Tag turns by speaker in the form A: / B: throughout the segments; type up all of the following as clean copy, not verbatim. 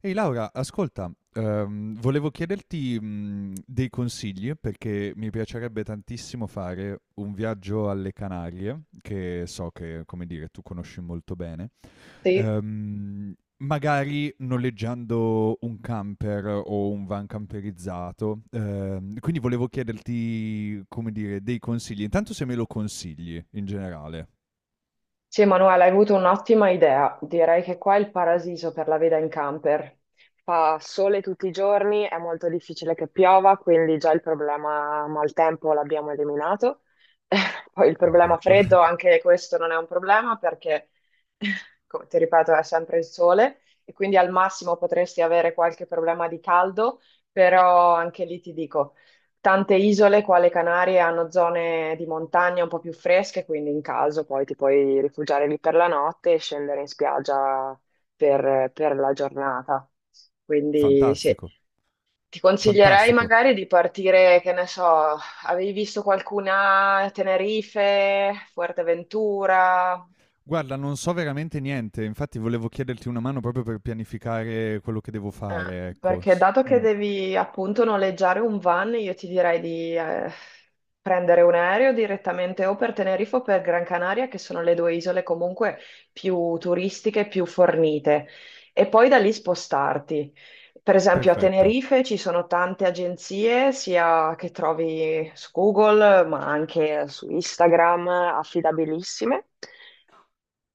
A: Ehi Laura, ascolta, volevo chiederti, dei consigli perché mi piacerebbe tantissimo fare un viaggio alle Canarie, che so che, come dire, tu conosci molto bene,
B: Sì,
A: ehm, magari noleggiando un camper o un van camperizzato. Quindi volevo chiederti, come dire, dei consigli. Intanto se me lo consigli in generale.
B: sì, Emanuele, hai avuto un'ottima idea. Direi che qua è il paradiso per la veda in camper. Fa sole tutti i giorni, è molto difficile che piova, quindi già il problema maltempo l'abbiamo eliminato. Poi il problema
A: Perfetto.
B: freddo, anche questo non è un problema perché, come ti ripeto, è sempre il sole e quindi al massimo potresti avere qualche problema di caldo, però anche lì ti dico. Tante isole qua alle Canarie hanno zone di montagna un po' più fresche, quindi in caso poi ti puoi rifugiare lì per la notte e scendere in spiaggia per la giornata. Quindi sì,
A: Fantastico,
B: ti consiglierei
A: fantastico.
B: magari di partire, che ne so, avevi visto qualcuna a Tenerife, Fuerteventura?
A: Guarda, non so veramente niente, infatti volevo chiederti una mano proprio per pianificare quello che devo
B: Eh,
A: fare, ecco.
B: perché dato che devi appunto noleggiare un van, io ti direi di prendere un aereo direttamente o per Tenerife o per Gran Canaria, che sono le due isole comunque più turistiche, più fornite, e poi da lì spostarti. Per esempio a
A: Perfetto,
B: Tenerife ci sono tante agenzie, sia che trovi su Google, ma anche su Instagram, affidabilissime.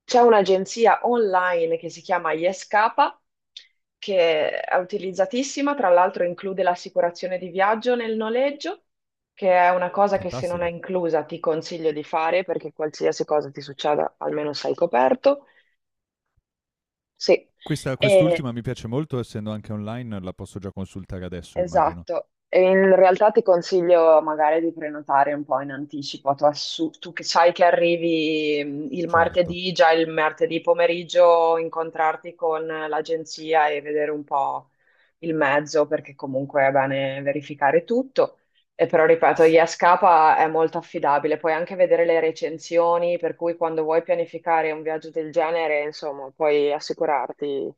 B: C'è un'agenzia online che si chiama Yescapa, che è utilizzatissima, tra l'altro include l'assicurazione di viaggio nel noleggio, che è una cosa che se non è
A: fantastico.
B: inclusa ti consiglio di fare perché qualsiasi cosa ti succeda almeno sei coperto. Sì,
A: Questa,
B: e
A: quest'ultima mi piace molto, essendo anche online, la posso già consultare adesso, immagino.
B: esatto, e in realtà ti consiglio magari di prenotare un po' in anticipo, tu, tu che sai che arrivi il
A: Certo.
B: martedì, già il martedì pomeriggio incontrarti con l'agenzia e vedere un po' il mezzo, perché comunque è bene verificare tutto. E però ripeto, Yascapa è molto affidabile, puoi anche vedere le recensioni, per cui quando vuoi pianificare un viaggio del genere, insomma, puoi assicurarti.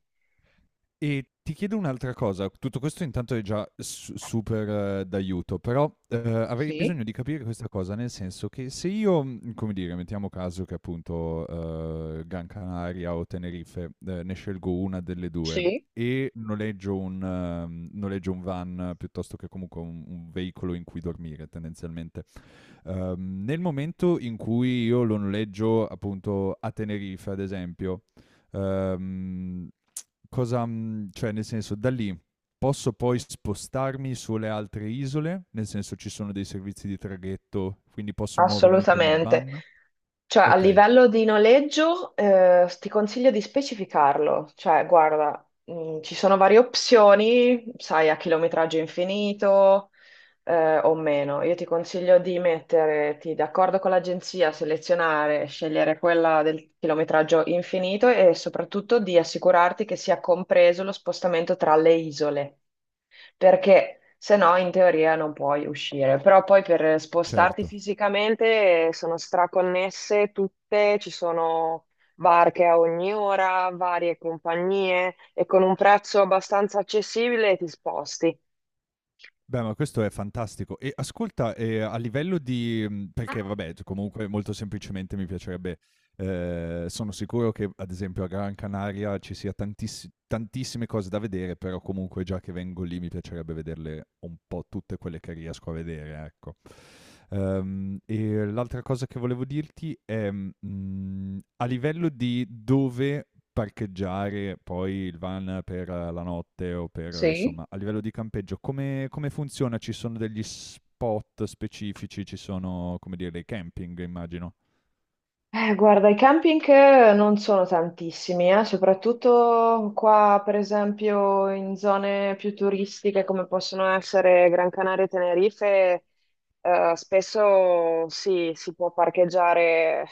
A: E ti chiedo un'altra cosa, tutto questo intanto è già su super d'aiuto, però, avrei
B: Sì.
A: bisogno di capire questa cosa, nel senso che se io, come dire, mettiamo caso che appunto, Gran Canaria o Tenerife, ne scelgo una delle 2
B: Sì.
A: e noleggio noleggio un van piuttosto che comunque un veicolo in cui dormire tendenzialmente, nel momento in cui io lo noleggio appunto a Tenerife ad esempio, ehm cosa, cioè nel senso, da lì posso poi spostarmi sulle altre isole? Nel senso ci sono dei servizi di traghetto, quindi posso muovermi con il
B: Assolutamente.
A: van?
B: Cioè, a
A: Okay,
B: livello di noleggio, ti consiglio di specificarlo. Cioè, guarda, ci sono varie opzioni, sai, a chilometraggio infinito, o meno. Io ti consiglio di metterti d'accordo con l'agenzia, selezionare, scegliere quella del chilometraggio infinito e soprattutto di assicurarti che sia compreso lo spostamento tra le isole, perché se no in teoria non puoi uscire, però poi per spostarti
A: certo.
B: fisicamente sono straconnesse tutte, ci sono barche a ogni ora, varie compagnie e con un prezzo abbastanza accessibile ti sposti.
A: Beh, ma questo è fantastico. E ascolta, a livello di perché vabbè, c comunque molto semplicemente mi piacerebbe sono sicuro che ad esempio a Gran Canaria ci sia tantissime cose da vedere, però comunque già che vengo lì mi piacerebbe vederle un po' tutte quelle che riesco a vedere, ecco. E l'altra cosa che volevo dirti è, a livello di dove parcheggiare poi il van per la notte o per
B: Sì?
A: insomma, a livello di campeggio come funziona? Ci sono degli spot specifici? Ci sono, come dire, dei camping immagino.
B: Guarda, i camping non sono tantissimi. Soprattutto qua, per esempio, in zone più turistiche come possono essere Gran Canaria e Tenerife, spesso sì, si può parcheggiare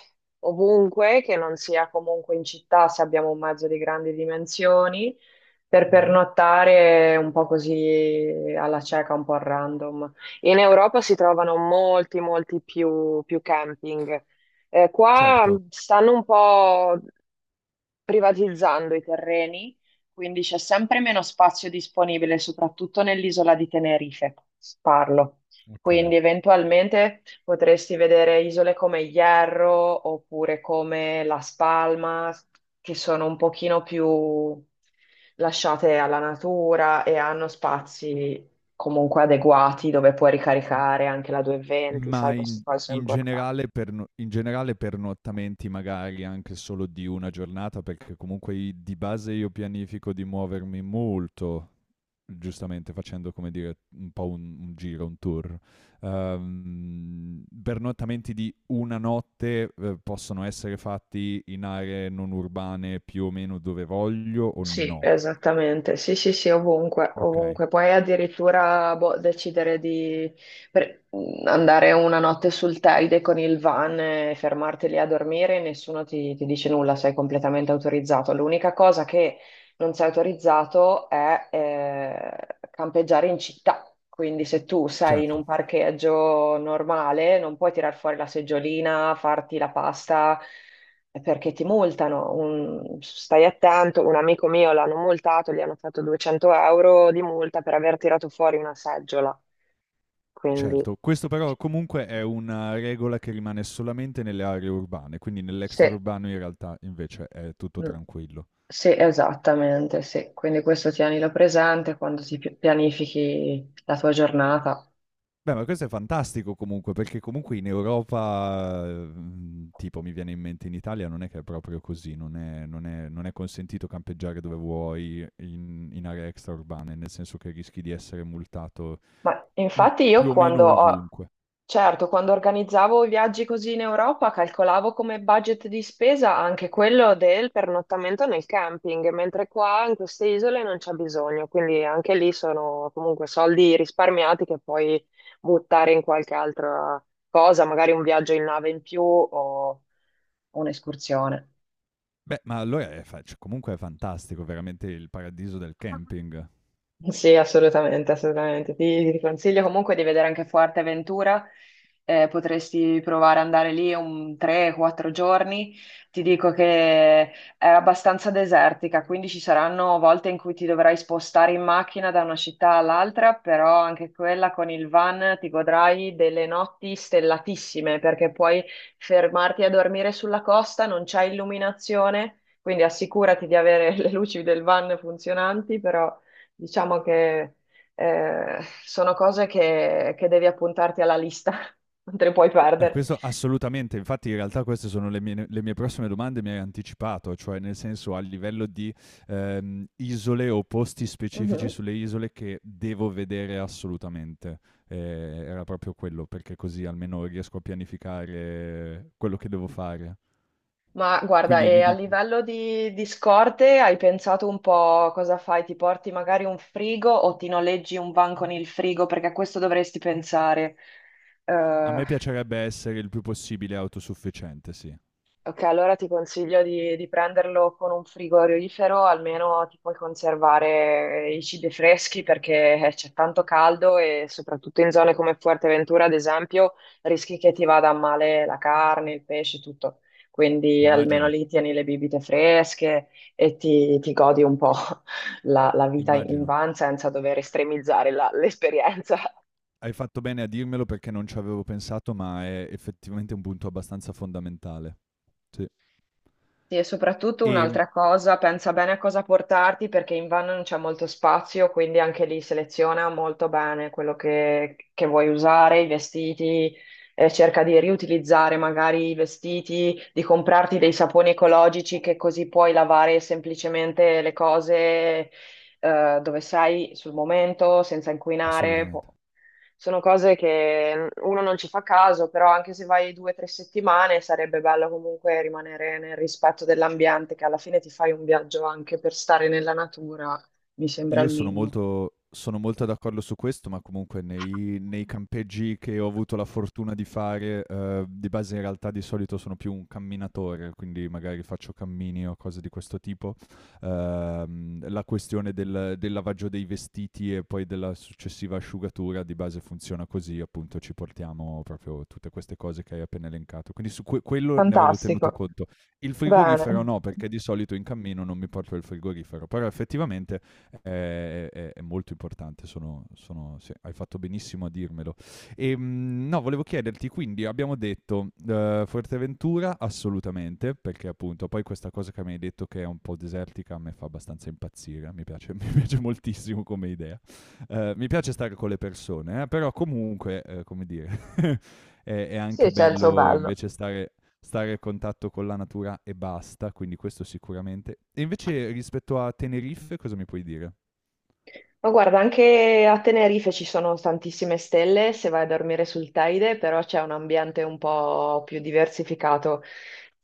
B: ovunque, che non sia comunque in città, se abbiamo un mezzo di grandi dimensioni, per
A: Mh-mh.
B: pernottare un po' così alla cieca, un po' a random. In Europa si trovano molti, molti più camping. Qua
A: Certo.
B: stanno un po' privatizzando i terreni, quindi c'è sempre meno spazio disponibile, soprattutto nell'isola di Tenerife, parlo.
A: Okay.
B: Quindi eventualmente potresti vedere isole come Hierro oppure come Las Palmas, che sono un pochino più lasciate alla natura e hanno spazi comunque adeguati dove puoi
A: M
B: ricaricare anche la 220, sai,
A: ma
B: queste
A: in
B: cose sono
A: in
B: importanti.
A: generale per no in generale pernottamenti magari anche solo di una giornata, perché comunque i di base io pianifico di muovermi molto giustamente facendo come dire un po' un giro, un tour. Pernottamenti di una notte possono essere fatti in aree non urbane più o meno dove voglio o
B: Sì,
A: no?
B: esattamente. Sì, sì, sì, ovunque,
A: Ok,
B: ovunque. Puoi addirittura boh, decidere di andare una notte sul Teide con il van e fermarti lì a dormire, nessuno ti dice nulla, sei completamente autorizzato. L'unica cosa che non sei autorizzato è campeggiare in città. Quindi se tu sei in un
A: certo.
B: parcheggio normale, non puoi tirar fuori la seggiolina, farti la pasta, perché ti multano. Stai attento, un amico mio l'hanno multato, gli hanno fatto 200 € di multa per aver tirato fuori una seggiola. Quindi
A: Certo, questo però comunque è una regola che rimane solamente nelle aree urbane, quindi
B: sì.
A: nell'extraurbano in realtà invece è tutto
B: Mm.
A: tranquillo.
B: Sì, esattamente, sì. Quindi questo tienilo presente quando ti pianifichi la tua giornata.
A: Beh, ma questo è fantastico comunque, perché comunque in Europa, tipo mi viene in mente in Italia non è che è proprio così, non è non è consentito campeggiare dove vuoi in aree extraurbane, nel senso che rischi di essere multato,
B: Ma
A: mhmm,
B: infatti
A: più o meno ovunque.
B: certo, quando organizzavo i viaggi così in Europa, calcolavo come budget di spesa anche quello del pernottamento nel camping, mentre qua in queste isole non c'è bisogno, quindi anche lì sono comunque soldi risparmiati che puoi buttare in qualche altra cosa, magari un viaggio in nave in più o un'escursione.
A: Beh, ma allora è fa cioè comunque è fantastico, veramente il paradiso del camping.
B: Sì, assolutamente, assolutamente. Ti consiglio comunque di vedere anche Fuerteventura. Potresti provare ad andare lì un 3-4 giorni. Ti dico che è abbastanza desertica, quindi ci saranno volte in cui ti dovrai spostare in macchina da una città all'altra, però anche quella con il van ti godrai delle notti stellatissime perché puoi fermarti a dormire sulla costa, non c'è illuminazione. Quindi assicurati di avere le luci del van funzionanti. Però diciamo che sono cose che devi appuntarti alla lista, non te le puoi perdere.
A: Questo assolutamente, infatti in realtà queste sono le mie prossime domande, mi hai anticipato, cioè nel senso a livello di isole o posti specifici
B: Mhm.
A: sulle isole che devo vedere assolutamente. Era proprio quello, perché così almeno riesco a pianificare quello che devo fare.
B: Ma guarda,
A: Quindi
B: e
A: mi
B: a
A: dici,
B: livello di scorte hai pensato un po' cosa fai? Ti porti magari un frigo o ti noleggi un van con il frigo? Perché a questo dovresti pensare.
A: a
B: Eh,
A: me piacerebbe essere il più possibile autosufficiente, sì.
B: Ok, allora ti consiglio di prenderlo con un frigorifero, almeno ti puoi conservare i cibi freschi perché c'è tanto caldo e soprattutto in zone come Fuerteventura, ad esempio, rischi che ti vada a male la carne, il pesce, tutto. Quindi almeno
A: Immagino,
B: lì tieni le bibite fresche e ti godi un po' la vita in
A: immagino.
B: van senza dover estremizzare l'esperienza.
A: Hai fatto bene a dirmelo perché non ci avevo pensato, ma è effettivamente un punto abbastanza fondamentale. Sì.
B: Sì, e soprattutto
A: Ehm,
B: un'altra cosa, pensa bene a cosa portarti perché in van non c'è molto spazio, quindi anche lì seleziona molto bene quello che vuoi usare, i vestiti, cerca di riutilizzare magari i vestiti, di comprarti dei saponi ecologici che così puoi lavare semplicemente le cose, dove sei sul momento, senza inquinare.
A: Assolutamente.
B: Sono cose che uno non ci fa caso, però anche se vai due o tre settimane sarebbe bello comunque rimanere nel rispetto dell'ambiente, che alla fine ti fai un viaggio anche per stare nella natura, mi sembra
A: Io
B: il
A: sono
B: minimo.
A: molto sono molto d'accordo su questo, ma comunque nei nei campeggi che ho avuto la fortuna di fare, di base in realtà di solito sono più un camminatore, quindi magari faccio cammini o cose di questo tipo, la questione del lavaggio dei vestiti e poi della successiva asciugatura di base funziona così, appunto ci portiamo proprio tutte queste cose che hai appena elencato. Quindi su quello ne avevo tenuto
B: Fantastico.
A: conto. Il frigorifero
B: Bene.
A: no, perché di solito in cammino non mi porto il frigorifero, però effettivamente è molto importante, sì, hai fatto benissimo a dirmelo. E, no, volevo chiederti, quindi abbiamo detto Fuerteventura assolutamente, perché appunto poi questa cosa che mi hai detto che è un po' desertica a me fa abbastanza impazzire, mi piace, mi piace moltissimo come idea. Mi piace stare con le persone, però comunque, come dire, è
B: Sì,
A: anche
B: c'è il suo
A: bello
B: bello.
A: invece stare a contatto con la natura e basta, quindi questo sicuramente. E invece rispetto a Tenerife, cosa mi puoi dire?
B: Ma guarda, anche a Tenerife ci sono tantissime stelle se vai a dormire sul Teide, però c'è un ambiente un po' più diversificato.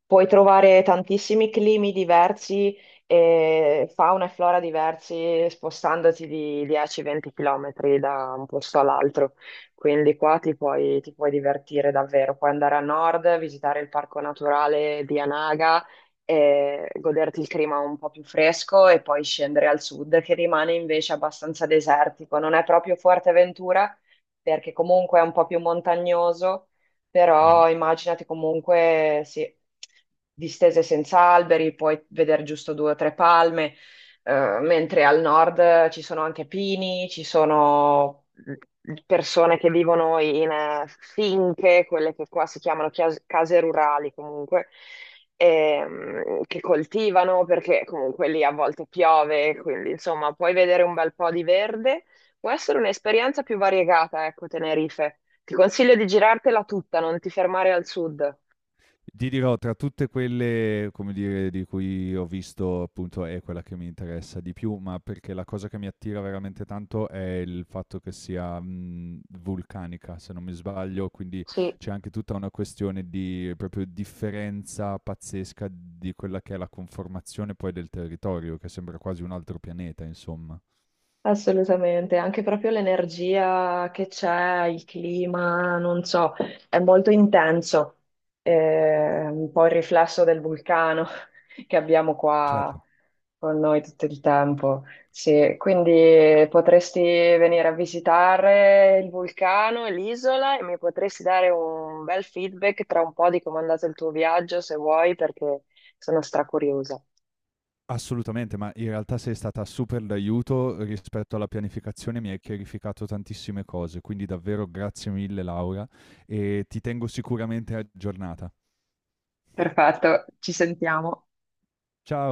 B: Puoi trovare tantissimi climi diversi, e fauna e flora diversi, spostandoti di 10-20 km da un posto all'altro. Quindi qua ti puoi divertire davvero. Puoi andare a nord, visitare il parco naturale di Anaga e goderti il clima un po' più fresco e poi scendere al sud, che rimane invece abbastanza desertico. Non è proprio Fuerteventura, perché comunque è un po' più montagnoso,
A: Mhm.
B: però immaginati comunque, sì, distese senza alberi, puoi vedere giusto due o tre palme, mentre al nord ci sono anche pini, ci sono persone che vivono in quelle che qua si chiamano case rurali comunque, che coltivano perché comunque lì a volte piove, quindi insomma puoi vedere un bel po' di verde. Può essere un'esperienza più variegata, ecco, Tenerife. Ti consiglio di girartela tutta, non ti fermare al sud.
A: Ti dirò, tra tutte quelle, come dire, di cui ho visto, appunto, è quella che mi interessa di più, ma perché la cosa che mi attira veramente tanto è il fatto che sia vulcanica, se non mi sbaglio, quindi
B: Sì.
A: c'è anche tutta una questione di proprio differenza pazzesca di quella che è la conformazione poi del territorio, che sembra quasi un altro pianeta, insomma.
B: Assolutamente, anche proprio l'energia che c'è, il clima, non so, è molto intenso, un po' il riflesso del vulcano che abbiamo qua
A: Certo.
B: con noi tutto il tempo. Sì, quindi potresti venire a visitare il vulcano e l'isola e mi potresti dare un bel feedback tra un po' di come è andato il tuo viaggio, se vuoi, perché sono stracuriosa.
A: Assolutamente, ma in realtà sei stata super d'aiuto rispetto alla pianificazione, mi hai chiarificato tantissime cose, quindi davvero grazie mille Laura e ti tengo sicuramente aggiornata.
B: Perfetto, ci sentiamo.
A: Ciao!